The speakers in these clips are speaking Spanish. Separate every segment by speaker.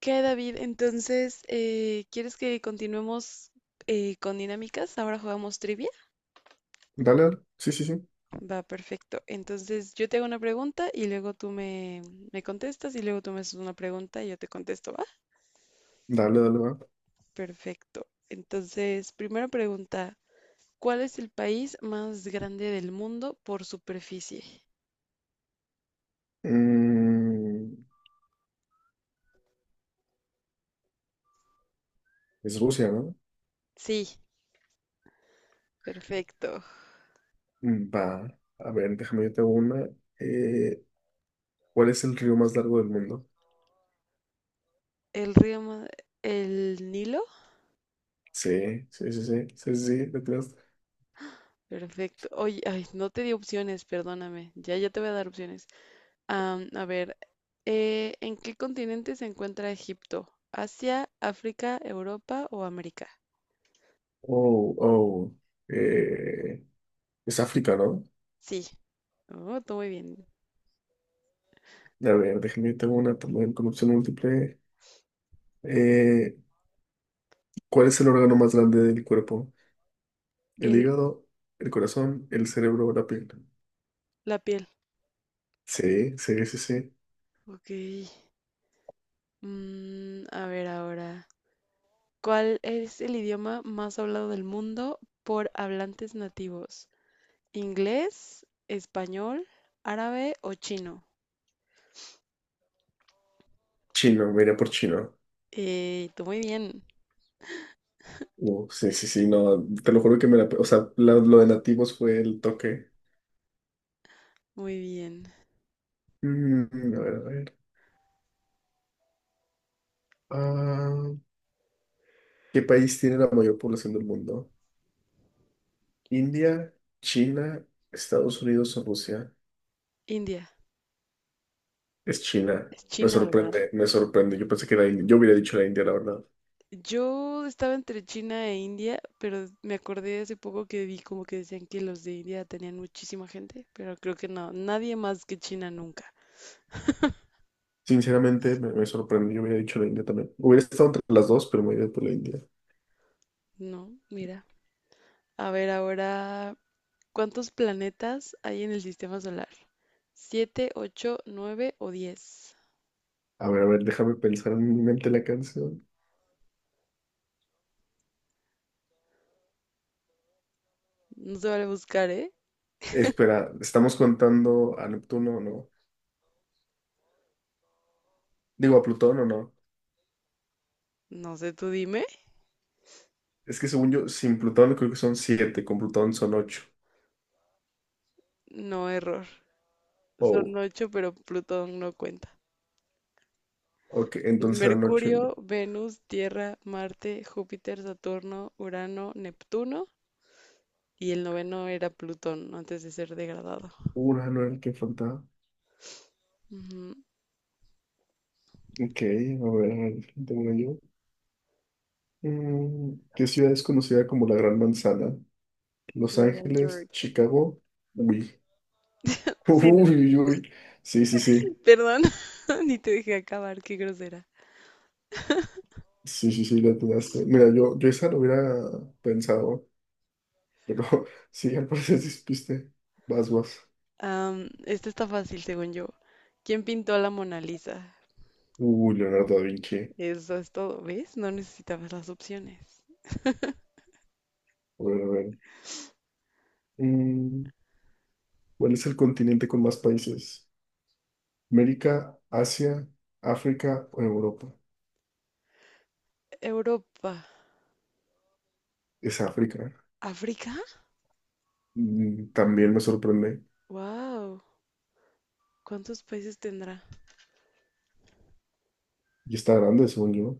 Speaker 1: ¿Qué, David? Entonces, ¿quieres que continuemos con dinámicas? Ahora jugamos trivia.
Speaker 2: Dale, dale. Sí, sí, sí.
Speaker 1: Va, perfecto. Entonces, yo te hago una pregunta y luego tú me contestas y luego tú me haces una pregunta y yo te contesto, ¿va?
Speaker 2: Dale, dale, va.
Speaker 1: Perfecto. Entonces, primera pregunta, ¿cuál es el país más grande del mundo por superficie?
Speaker 2: Mm, es Rusia, ¿no?
Speaker 1: Sí, perfecto.
Speaker 2: Mm, va. A ver, déjame yo te hago una. Eh, ¿Cuál es el río más largo del mundo?
Speaker 1: ¿El río, el Nilo?
Speaker 2: Sí, sí, sí, sí. Sí, sí, sí, lo creas.
Speaker 1: Perfecto. Oye, ay, no te di opciones, perdóname. Ya, ya te voy a dar opciones. A ver, ¿en qué continente se encuentra Egipto? ¿Asia, África, Europa o América?
Speaker 2: Oh, oh. Eh, es África, ¿no?
Speaker 1: Sí. Oh, todo muy bien.
Speaker 2: A ver, déjame yo te hago una también con opción múltiple. Eh, ¿Cuál es el órgano más grande del cuerpo? ¿El
Speaker 1: El,
Speaker 2: hígado, el corazón, el cerebro o la piel?
Speaker 1: la piel.
Speaker 2: Sí, sí, sí, sí.
Speaker 1: Ok. Mm, a ver ahora. ¿Cuál es el idioma más hablado del mundo por hablantes nativos? ¿Inglés, español, árabe o chino?
Speaker 2: Chino, me iría por chino.
Speaker 1: Tú muy bien.
Speaker 2: Sí, sí, sí, no, te lo juro que me la. O sea, lo de nativos fue el toque.
Speaker 1: Muy bien.
Speaker 2: A ver, a ver. Ah, ¿Qué país tiene la mayor población del mundo? ¿India, China, Estados Unidos o Rusia?
Speaker 1: India.
Speaker 2: Es China.
Speaker 1: Es
Speaker 2: Me
Speaker 1: China, ¿verdad?
Speaker 2: sorprende, me sorprende. Yo pensé que era India. Yo hubiera dicho la India, la verdad.
Speaker 1: Yo estaba entre China e India, pero me acordé hace poco que vi como que decían que los de India tenían muchísima gente, pero creo que no, nadie más que China nunca.
Speaker 2: Sinceramente, me sorprende. Yo hubiera dicho la India también. Hubiera estado entre las dos, pero me hubiera ido por la India.
Speaker 1: No, mira. A ver ahora, ¿cuántos planetas hay en el sistema solar? ¿Siete, ocho, nueve o diez?
Speaker 2: A ver, déjame pensar en mi mente la canción.
Speaker 1: No se vale buscar, ¿eh?
Speaker 2: Espera, ¿estamos contando a Neptuno o no? Digo, a Plutón o no.
Speaker 1: No sé, tú dime.
Speaker 2: Es que según yo, sin Plutón creo que son siete, con Plutón son ocho.
Speaker 1: No, error. Son
Speaker 2: Oh,
Speaker 1: ocho, pero Plutón no cuenta.
Speaker 2: ok,
Speaker 1: Es
Speaker 2: entonces eran ocho, ¿no?
Speaker 1: Mercurio, Venus, Tierra, Marte, Júpiter, Saturno, Urano, Neptuno y el noveno era Plutón antes de ser degradado.
Speaker 2: Urano era el que faltaba.
Speaker 1: Ujú.
Speaker 2: Ok, a ver, tengo una yo. ¿Qué ciudad es conocida como la Gran Manzana? Los
Speaker 1: Nueva
Speaker 2: Ángeles,
Speaker 1: York.
Speaker 2: Chicago. Uy,
Speaker 1: Sí, no.
Speaker 2: uy, uy, uy. Sí, sí, sí.
Speaker 1: Perdón, ni te dejé acabar, qué grosera.
Speaker 2: Sí, sí, sí, la dudaste. Mira, yo esa lo hubiera pensado, pero sí, al parecer despiste. Vas, vas.
Speaker 1: Esta está fácil, según yo. ¿Quién pintó la Mona Lisa?
Speaker 2: Uy, Leonardo da Vinci. A
Speaker 1: Eso es todo, ¿ves? No necesitabas las opciones.
Speaker 2: ver, a ver. Mm, ¿Cuál es el continente con más países? América, Asia, África o Europa.
Speaker 1: Europa.
Speaker 2: Es África.
Speaker 1: ¿África?
Speaker 2: También me sorprende.
Speaker 1: ¡Wow! ¿Cuántos países tendrá?
Speaker 2: Y está grande, según yo.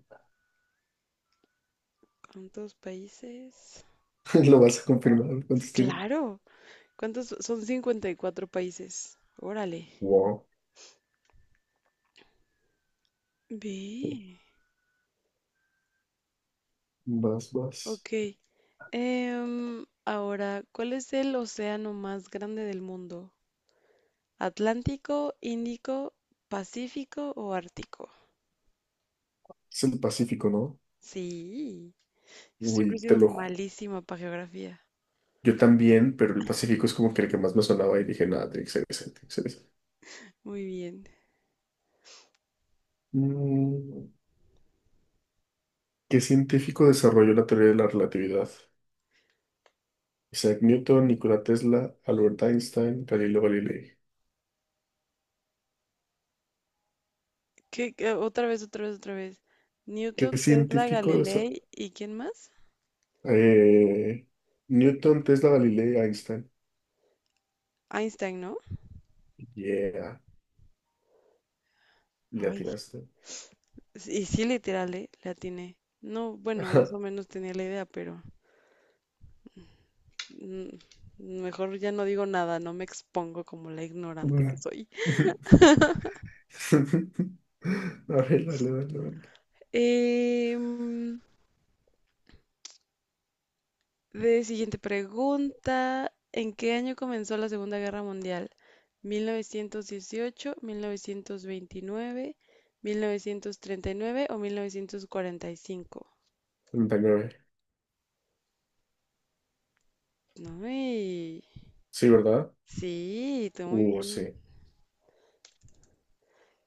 Speaker 1: ¿Cuántos países?
Speaker 2: Lo vas a confirmar.
Speaker 1: Pues
Speaker 2: ¿Cuántos tiene?
Speaker 1: claro. ¿Cuántos? Son 54 países. Órale.
Speaker 2: Wow.
Speaker 1: Ve.
Speaker 2: Más, más.
Speaker 1: Ok. Ahora, ¿cuál es el océano más grande del mundo? ¿Atlántico, Índico, Pacífico o Ártico?
Speaker 2: Es el Pacífico, ¿no?
Speaker 1: Sí, siempre he
Speaker 2: Uy, te
Speaker 1: sido
Speaker 2: lo
Speaker 1: malísima para geografía.
Speaker 2: Yo también, pero el Pacífico es como que el que más me sonaba y dije, nada, tiene que ser ese, tiene que ser ese.
Speaker 1: Muy bien.
Speaker 2: Mm, ¿Qué científico desarrolló la teoría de la relatividad? Isaac Newton, Nikola Tesla, Albert Einstein, Galileo Galilei.
Speaker 1: Otra vez, otra vez, otra vez.
Speaker 2: ¿Qué
Speaker 1: Newton, Tesla,
Speaker 2: científicos?
Speaker 1: Galilei y ¿quién más?
Speaker 2: Eh, Newton, Tesla, Galileo y Einstein.
Speaker 1: Einstein, ¿no?
Speaker 2: Yeah, le
Speaker 1: Ay,
Speaker 2: atinaste.
Speaker 1: y sí, literal, ¿eh? La atiné. No, bueno, más
Speaker 2: Ajá.
Speaker 1: o menos tenía la idea, pero Mm, mejor ya no digo nada, no me expongo como la ignorante que
Speaker 2: Una.
Speaker 1: soy.
Speaker 2: A ver, dale, dale, dale.
Speaker 1: Em, de siguiente pregunta, ¿en qué año comenzó la Segunda Guerra Mundial? ¿1918, 1929, 1939 o 1945?
Speaker 2: 39.
Speaker 1: No,
Speaker 2: Sí, ¿verdad?
Speaker 1: sí, tú muy bien.
Speaker 2: Sí.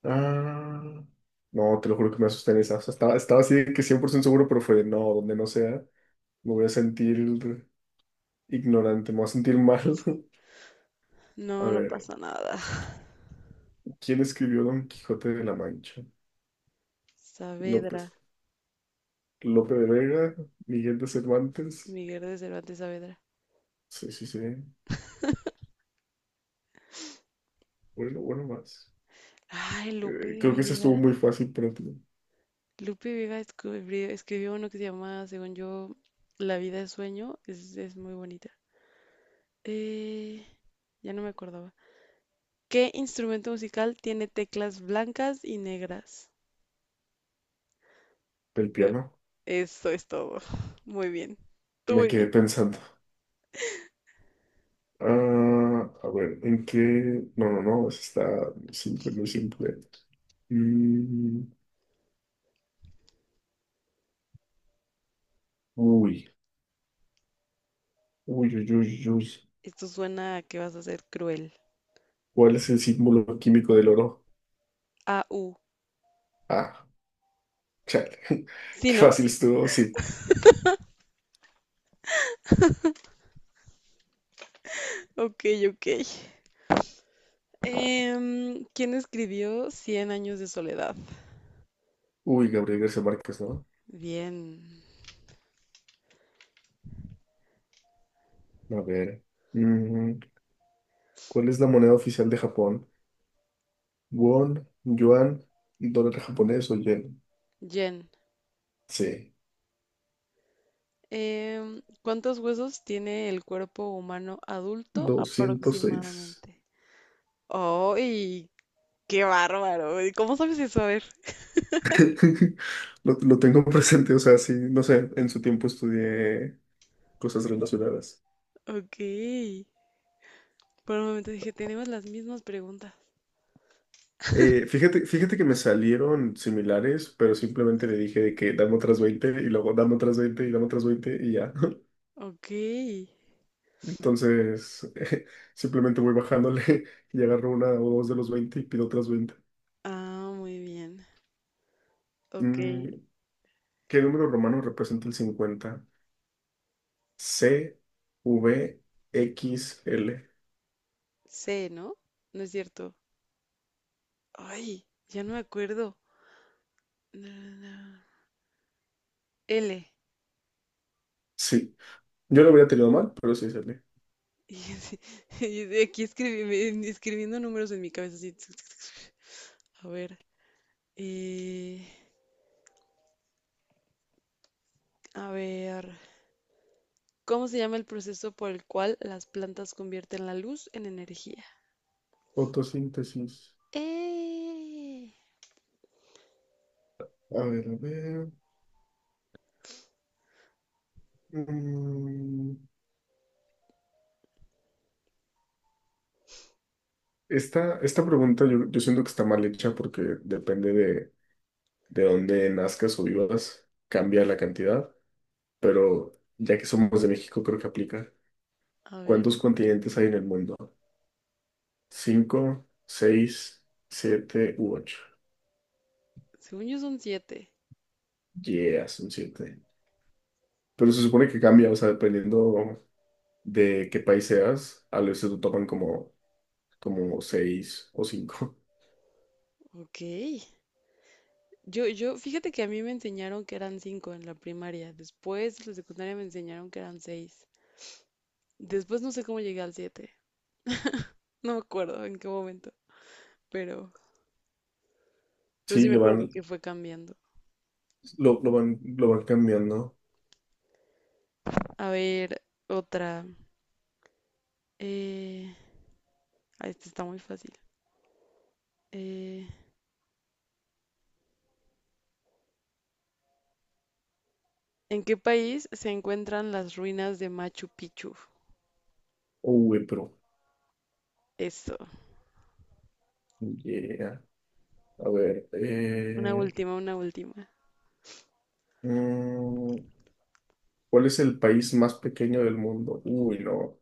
Speaker 2: Ah, no, te lo juro que me asusté en esa. O sea, estaba así de que 100% seguro, pero fue, de, no, donde no sea, me voy a sentir ignorante, me voy a sentir mal. A
Speaker 1: No, no
Speaker 2: ver,
Speaker 1: pasa nada.
Speaker 2: ¿quién escribió Don Quijote de la Mancha?
Speaker 1: Saavedra,
Speaker 2: López. Lope de Vega, Miguel de Cervantes.
Speaker 1: Miguel de Cervantes Saavedra.
Speaker 2: Sí, sí, sí. Bueno, bueno, más.
Speaker 1: Ay, Lupe de
Speaker 2: Creo que ese estuvo
Speaker 1: Vega.
Speaker 2: muy fácil para ti.
Speaker 1: Lupe Vega escribió uno que se llama, según yo, La vida es sueño. Es muy bonita. Eh, ya no me acordaba. ¿Qué instrumento musical tiene teclas blancas y negras?
Speaker 2: Del
Speaker 1: Yo-
Speaker 2: piano.
Speaker 1: Eso es todo. Muy bien. Tú
Speaker 2: Me
Speaker 1: muy
Speaker 2: quedé
Speaker 1: bien.
Speaker 2: pensando. A ver, ¿en qué? No, no, no, ese está muy simple, muy simple. Mm, Uy, uy, uy, uy, uy.
Speaker 1: Esto suena a que vas a ser cruel.
Speaker 2: ¿Cuál es el símbolo químico del oro?
Speaker 1: A U.
Speaker 2: Ah, Chale.
Speaker 1: ¿Sí,
Speaker 2: Qué
Speaker 1: no?
Speaker 2: fácil estuvo, sí.
Speaker 1: Ok, ok. ¿Quién escribió Cien años de soledad?
Speaker 2: Uy, Gabriel García Márquez, ¿no?
Speaker 1: Bien.
Speaker 2: A ver. mm, ¿Cuál es la moneda oficial de Japón? Won, yuan, dólar japonés o yen.
Speaker 1: Jen.
Speaker 2: Sí,
Speaker 1: ¿Cuántos huesos tiene el cuerpo humano adulto
Speaker 2: 206.
Speaker 1: aproximadamente? ¡Ay! ¡Qué bárbaro! ¿Y Cómo sabes eso? A ver.
Speaker 2: Lo tengo presente, o sea, sí, no sé, en su tiempo estudié cosas relacionadas.
Speaker 1: Ok. Por un momento dije, tenemos las mismas preguntas.
Speaker 2: Fíjate, fíjate que me salieron similares, pero simplemente le dije de que dame otras 20 y luego dame otras 20 y dame otras 20 y ya.
Speaker 1: Ok.
Speaker 2: Entonces, simplemente voy bajándole y agarro una o dos de los 20 y pido otras 20.
Speaker 1: Ah, muy bien. Ok.
Speaker 2: Mm, ¿Qué número romano representa el 50? C, V, X, L.
Speaker 1: C, ¿no? No es cierto. Ay, ya no me acuerdo. Na, na, na. L.
Speaker 2: Sí, yo lo hubiera tenido mal, pero sí sale.
Speaker 1: Y yo así- y de aquí escribiendo números en mi cabeza así. A ver. eh, A ver, ¿Cómo se llama el proceso por el cual las plantas convierten la luz en energía?
Speaker 2: Fotosíntesis.
Speaker 1: ¡Eh!
Speaker 2: A ver, a ver. Mm, esta pregunta yo siento que está mal hecha porque depende de dónde nazcas o vivas, cambia la cantidad, pero ya que somos de México, creo que aplica.
Speaker 1: A ver,
Speaker 2: ¿Cuántos continentes hay en el mundo? Cinco, seis, siete u ocho.
Speaker 1: según yo son siete.
Speaker 2: Yeah, son siete. Pero se supone que cambia, o sea, dependiendo de qué país seas, a veces lo toman como seis o cinco.
Speaker 1: Ok. Fíjate que a mí me enseñaron que eran cinco en la primaria. Después en la secundaria me enseñaron que eran seis. Después no sé cómo llegué al siete. No me acuerdo en qué momento, pero, pero
Speaker 2: Sí,
Speaker 1: sí me
Speaker 2: le
Speaker 1: acuerdo
Speaker 2: van,
Speaker 1: que fue cambiando.
Speaker 2: lo van cambiando.
Speaker 1: A ver, otra. Eh, esta está muy fácil. Eh, ¿En qué país se encuentran las ruinas de Machu Picchu?
Speaker 2: Uy, pero,
Speaker 1: Eso.
Speaker 2: yeah. A ver,
Speaker 1: Una última, una última.
Speaker 2: mm, ¿cuál es el país más pequeño del mundo? Uy, no,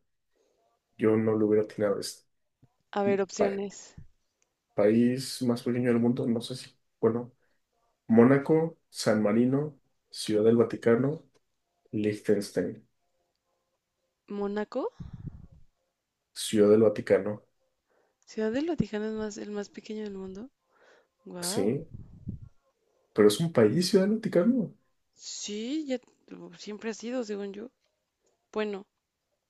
Speaker 2: yo no lo hubiera atinado. Es,
Speaker 1: A ver,
Speaker 2: pa-
Speaker 1: opciones.
Speaker 2: país más pequeño del mundo, no sé si, bueno, Mónaco, San Marino, Ciudad del Vaticano, Liechtenstein,
Speaker 1: ¿Mónaco?
Speaker 2: Ciudad del Vaticano,
Speaker 1: ¿Ciudad del Vaticano es más, el más pequeño del mundo? Wow.
Speaker 2: sí, pero es un país, Ciudad del Vaticano.
Speaker 1: Sí, siempre ha sido, según yo. Bueno,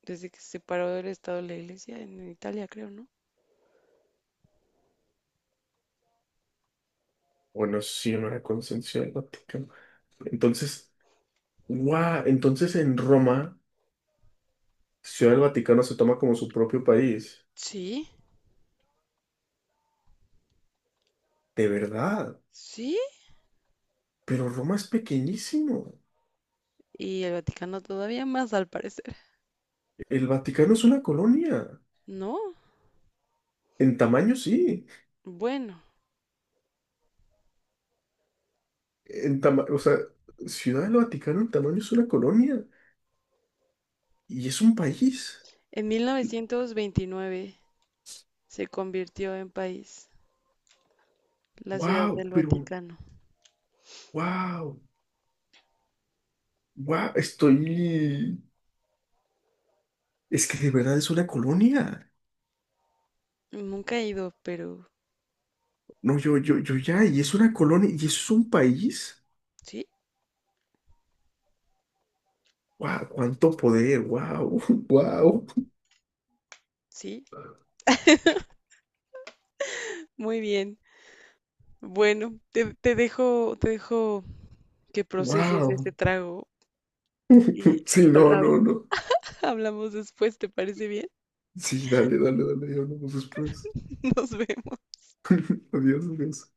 Speaker 1: desde que se separó del Estado de la Iglesia en Italia, creo, ¿no?
Speaker 2: Bueno, sí, no era conciencia del Vaticano. Entonces, guau, entonces en Roma, Ciudad del Vaticano se toma como su propio país.
Speaker 1: Sí,
Speaker 2: De verdad.
Speaker 1: sí.
Speaker 2: Pero Roma es pequeñísimo.
Speaker 1: Y el Vaticano todavía más, al parecer.
Speaker 2: El Vaticano es una colonia.
Speaker 1: No.
Speaker 2: En tamaño, sí.
Speaker 1: Bueno,
Speaker 2: O sea, Ciudad del Vaticano en tamaño es una colonia. Y es un país.
Speaker 1: en 1929 se convirtió en país, la Ciudad
Speaker 2: Wow,
Speaker 1: del
Speaker 2: pero
Speaker 1: Vaticano.
Speaker 2: wow, wow, estoy. Es que de verdad es una colonia.
Speaker 1: Nunca he ido, pero
Speaker 2: No, yo ya, y es una colonia, y eso es un país.
Speaker 1: sí,
Speaker 2: Wow, cuánto poder, wow, wow,
Speaker 1: sí. Muy bien. Bueno, te dejo que proceses
Speaker 2: wow.
Speaker 1: este trago y
Speaker 2: Sí, no,
Speaker 1: habla-
Speaker 2: no,
Speaker 1: habla-
Speaker 2: no.
Speaker 1: hablamos después, ¿te parece bien?
Speaker 2: Sí, dale, dale, dale, ya hablamos después.
Speaker 1: Nos vemos.
Speaker 2: Adiós, adiós.